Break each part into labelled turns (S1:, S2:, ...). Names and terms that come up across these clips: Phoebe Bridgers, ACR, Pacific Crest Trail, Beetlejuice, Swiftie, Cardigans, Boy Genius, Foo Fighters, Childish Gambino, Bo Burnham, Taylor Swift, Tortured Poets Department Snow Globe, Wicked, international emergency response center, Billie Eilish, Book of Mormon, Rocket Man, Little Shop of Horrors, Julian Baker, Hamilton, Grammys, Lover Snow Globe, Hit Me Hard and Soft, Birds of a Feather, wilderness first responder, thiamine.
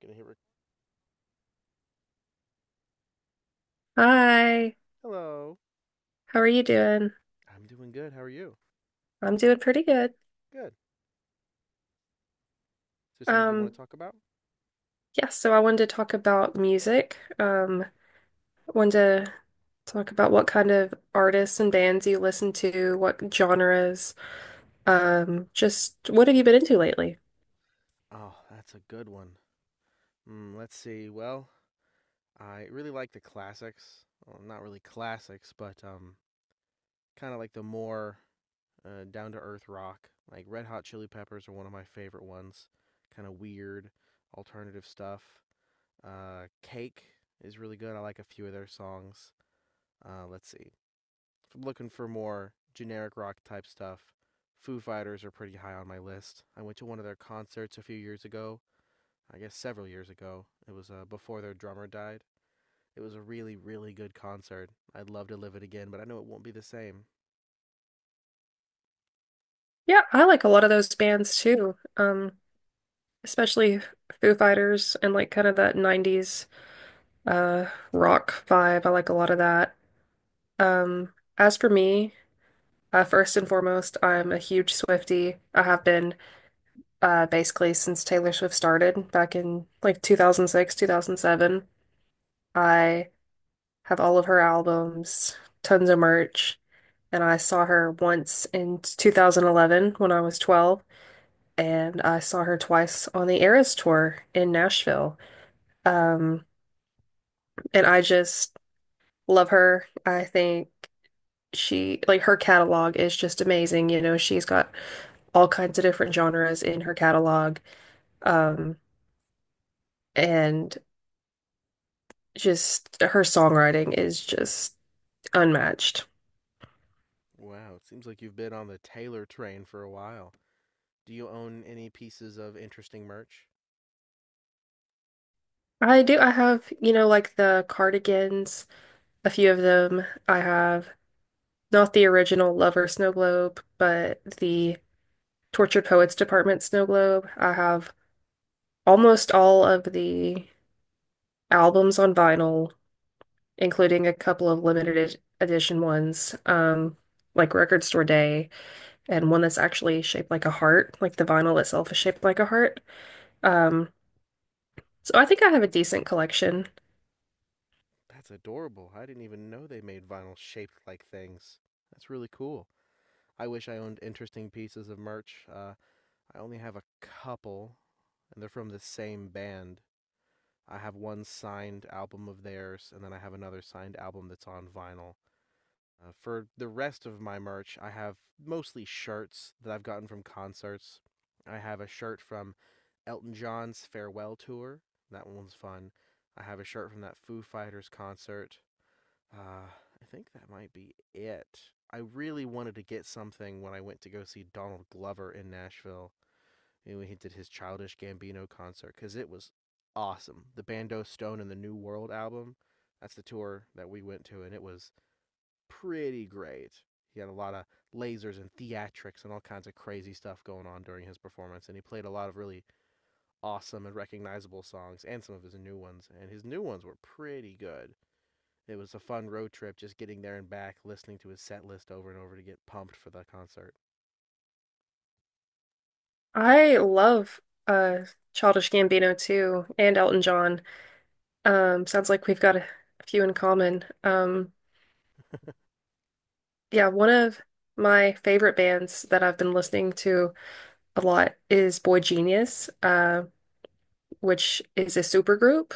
S1: Gonna hit rec-
S2: Hi,
S1: Hello.
S2: how are you doing?
S1: I'm doing good. How are you?
S2: I'm doing pretty good.
S1: Good. Is there something you want
S2: Um,
S1: to talk about?
S2: yeah, so I wanted to talk about music. I wanted to talk about what kind of artists and bands you listen to, what genres, just what have you been into lately?
S1: Oh, that's a good one. Mm, let's see. Well, I really like the classics. Well, not really classics, but kind of like the more down to earth rock. Like Red Hot Chili Peppers are one of my favorite ones. Kind of weird, alternative stuff. Cake is really good. I like a few of their songs. Let's see. If I'm looking for more generic rock type stuff, Foo Fighters are pretty high on my list. I went to one of their concerts a few years ago. I guess several years ago. It was before their drummer died. It was a really, really good concert. I'd love to live it again, but I know it won't be the same.
S2: Yeah, I like a lot of those bands too. Especially Foo Fighters and like kind of that 90s uh rock vibe. I like a lot of that. As for me, first and foremost, I'm a huge Swiftie. I have been basically since Taylor Swift started back in like 2006, 2007. I have all of her albums, tons of merch, and I saw her once in 2011 when I was 12, and I saw her twice on the Eras tour in Nashville. Um, and I just love her. I think she, like, her catalog is just amazing. You know, she's got all kinds of different genres in her catalog. Um, and just her songwriting is just unmatched.
S1: Wow, it seems like you've been on the Taylor train for a while. Do you own any pieces of interesting merch?
S2: I do, I have, you know, like the Cardigans, a few of them. I have not the original Lover Snow Globe, but the Tortured Poets Department Snow Globe. I have almost all of the albums on vinyl, including a couple of limited edition ones, like Record Store Day, and one that's actually shaped like a heart, like the vinyl itself is shaped like a heart. Um, so I think I have a decent collection.
S1: That's adorable. I didn't even know they made vinyl shaped like things. That's really cool. I wish I owned interesting pieces of merch. I only have a couple, and they're from the same band. I have one signed album of theirs, and then I have another signed album that's on vinyl. For the rest of my merch, I have mostly shirts that I've gotten from concerts. I have a shirt from Elton John's farewell tour. That one was fun. I have a shirt from that Foo Fighters concert. I think that might be it. I really wanted to get something when I went to go see Donald Glover in Nashville and when he did his Childish Gambino concert because it was awesome. The Bando Stone and the New World album. That's the tour that we went to, and it was pretty great. He had a lot of lasers and theatrics and all kinds of crazy stuff going on during his performance, and he played a lot of really awesome and recognizable songs and some of his new ones, and his new ones were pretty good. It was a fun road trip just getting there and back, listening to his set list over and over to get pumped for the concert.
S2: I love uh Childish Gambino too, and Elton John. Sounds like we've got a few in common. Yeah, one of my favorite bands that I've been listening to a lot is Boy Genius, which is a supergroup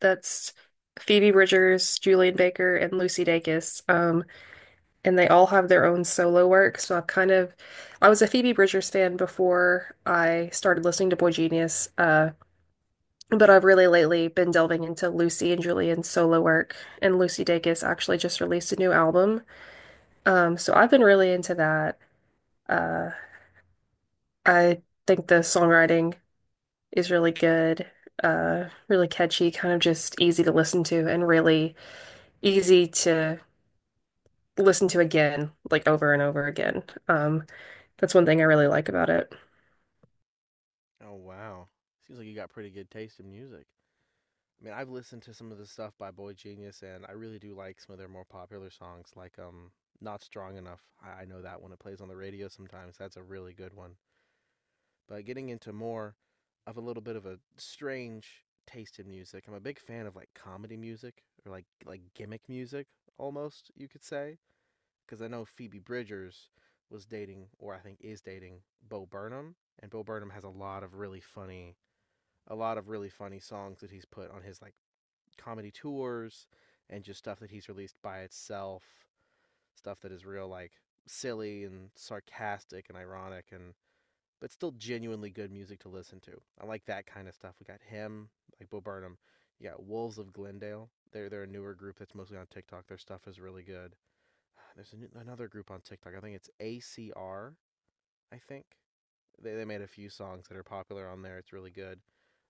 S2: that's Phoebe Bridgers, Julian Baker, and Lucy Dacus. And they all have their own solo work. So I've kind of I was a Phoebe Bridgers fan before I started listening to Boy Genius. But I've really lately been delving into Lucy and Julian's solo work, and Lucy Dacus actually just released a new album. So I've been really into that. Uh, I think the songwriting is really good, really catchy, kind of just easy to listen to, and really easy to listen to again, like over and over again. That's one thing I really like about it.
S1: Oh, wow. Seems like you got pretty good taste in music. I mean, I've listened to some of the stuff by Boy Genius, and I really do like some of their more popular songs, like "Not Strong Enough." I know that when it plays on the radio sometimes, that's a really good one. But getting into more of a little bit of a strange taste in music, I'm a big fan of like comedy music or like gimmick music, almost you could say, because I know Phoebe Bridgers was dating, or I think is dating, Bo Burnham, and Bo Burnham has a lot of really funny, a lot of really funny songs that he's put on his like comedy tours and just stuff that he's released by itself, stuff that is real like silly and sarcastic and ironic and but still genuinely good music to listen to. I like that kind of stuff. We got him, like Bo Burnham. You got Wolves of Glendale. They're a newer group that's mostly on TikTok. Their stuff is really good. Another group on TikTok. I think it's ACR. I think they made a few songs that are popular on there. It's really good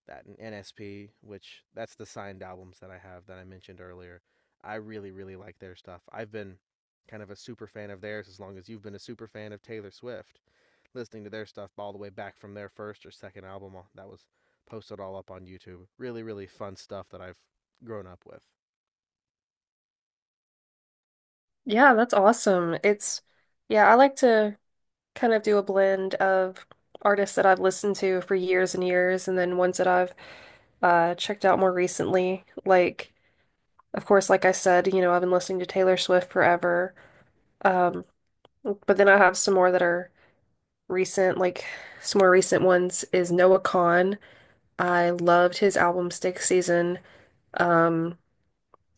S1: that NSP, which that's the signed albums that I have that I mentioned earlier. I really, really like their stuff. I've been kind of a super fan of theirs as long as you've been a super fan of Taylor Swift, listening to their stuff all the way back from their first or second album that was posted all up on YouTube. Really, really fun stuff that I've grown up with.
S2: Yeah, that's awesome. Yeah, I like to kind of do a blend of artists that I've listened to for years and years, and then ones that I've checked out more recently. Like, of course, like I said, you know, I've been listening to Taylor Swift forever. Um, but then I have some more that are recent, like some more recent ones is Noah Kahan. I loved his album Stick Season. Um,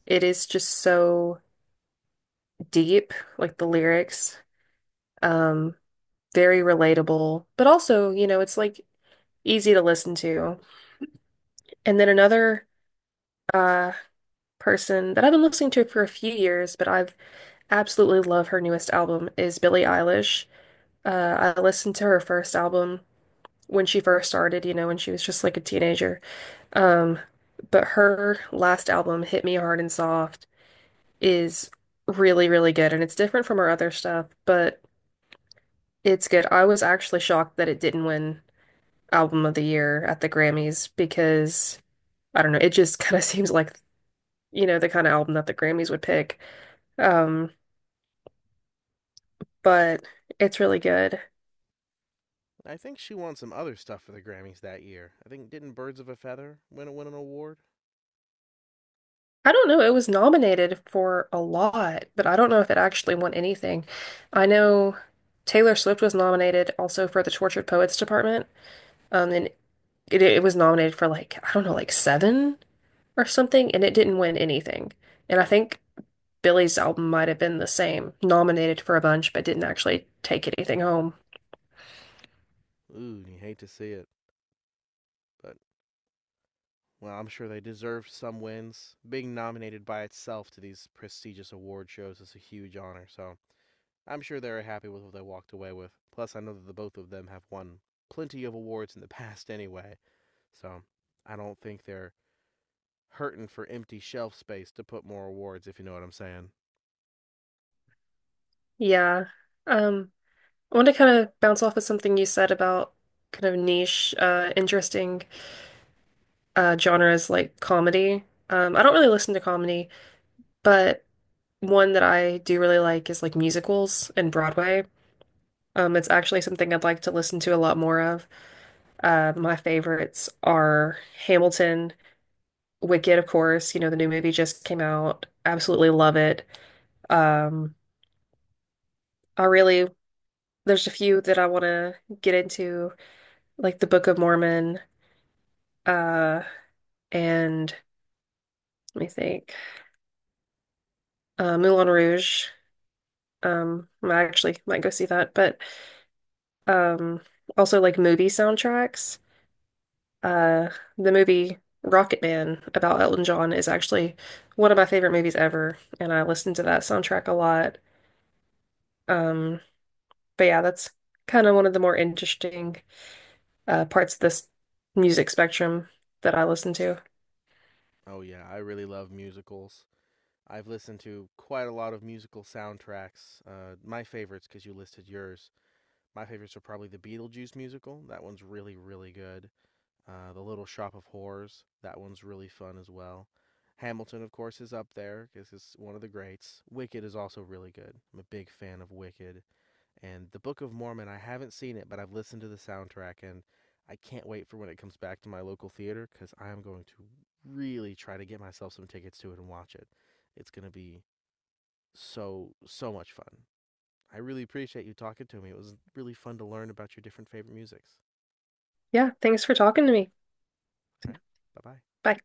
S2: it is just so deep, like the lyrics. Um, very relatable, but also, you know, it's like easy to listen to. And then another uh, person that I've been listening to for a few years, but I've absolutely love her newest album is Billie Eilish. I listened to her first album when she first started, you know, when she was just like a teenager. Um, but her last album, Hit Me Hard and Soft, is really, really good, and it's different from her other stuff, but it's good. I was actually shocked that it didn't win Album of the Year at the Grammys because I don't know, it just kind of seems like, you know, the kind of album that the Grammys would pick. Um, but it's really good.
S1: I think she won some other stuff for the Grammys that year. I think didn't Birds of a Feather win an award?
S2: I don't know, it was nominated for a lot, but I don't know if it actually won anything. I know Taylor Swift was nominated also for the Tortured Poets Department. And it was nominated for like, I don't know, like 7 or something, and it didn't win anything. And I think Billy's album might have been the same, nominated for a bunch, but didn't actually take anything home.
S1: Ooh, you hate to see it, but well, I'm sure they deserve some wins. Being nominated by itself to these prestigious award shows is a huge honor, so I'm sure they're happy with what they walked away with. Plus, I know that the both of them have won plenty of awards in the past anyway, so I don't think they're hurting for empty shelf space to put more awards, if you know what I'm saying.
S2: Yeah. Um, I want to kind of bounce off of something you said about kind of niche, interesting genres like comedy. I don't really listen to comedy, but one that I do really like is like musicals and Broadway. It's actually something I'd like to listen to a lot more of. My favorites are Hamilton, Wicked, of course. You know, the new movie just came out. Absolutely love it. Um, I really, there's a few that I want to get into, like the Book of Mormon, uh, and let me think, Moulin Rouge. I actually might go see that, but um, also like movie soundtracks. Uh, the movie Rocket Man about Elton John is actually one of my favorite movies ever, and I listen to that soundtrack a lot. Um, but yeah, that's kind of one of the more interesting parts of this music spectrum that I listen to.
S1: Oh, yeah, I really love musicals. I've listened to quite a lot of musical soundtracks. My favorites, because you listed yours. My favorites are probably the Beetlejuice musical. That one's really, really good. The Little Shop of Horrors. That one's really fun as well. Hamilton, of course, is up there because it's one of the greats. Wicked is also really good. I'm a big fan of Wicked. And The Book of Mormon, I haven't seen it, but I've listened to the soundtrack and I can't wait for when it comes back to my local theater because I am going to really try to get myself some tickets to it and watch it. It's going to be so, so much fun. I really appreciate you talking to me. It was really fun to learn about your different favorite musics.
S2: Yeah, thanks for talking to me.
S1: All right. Bye bye.
S2: Bye.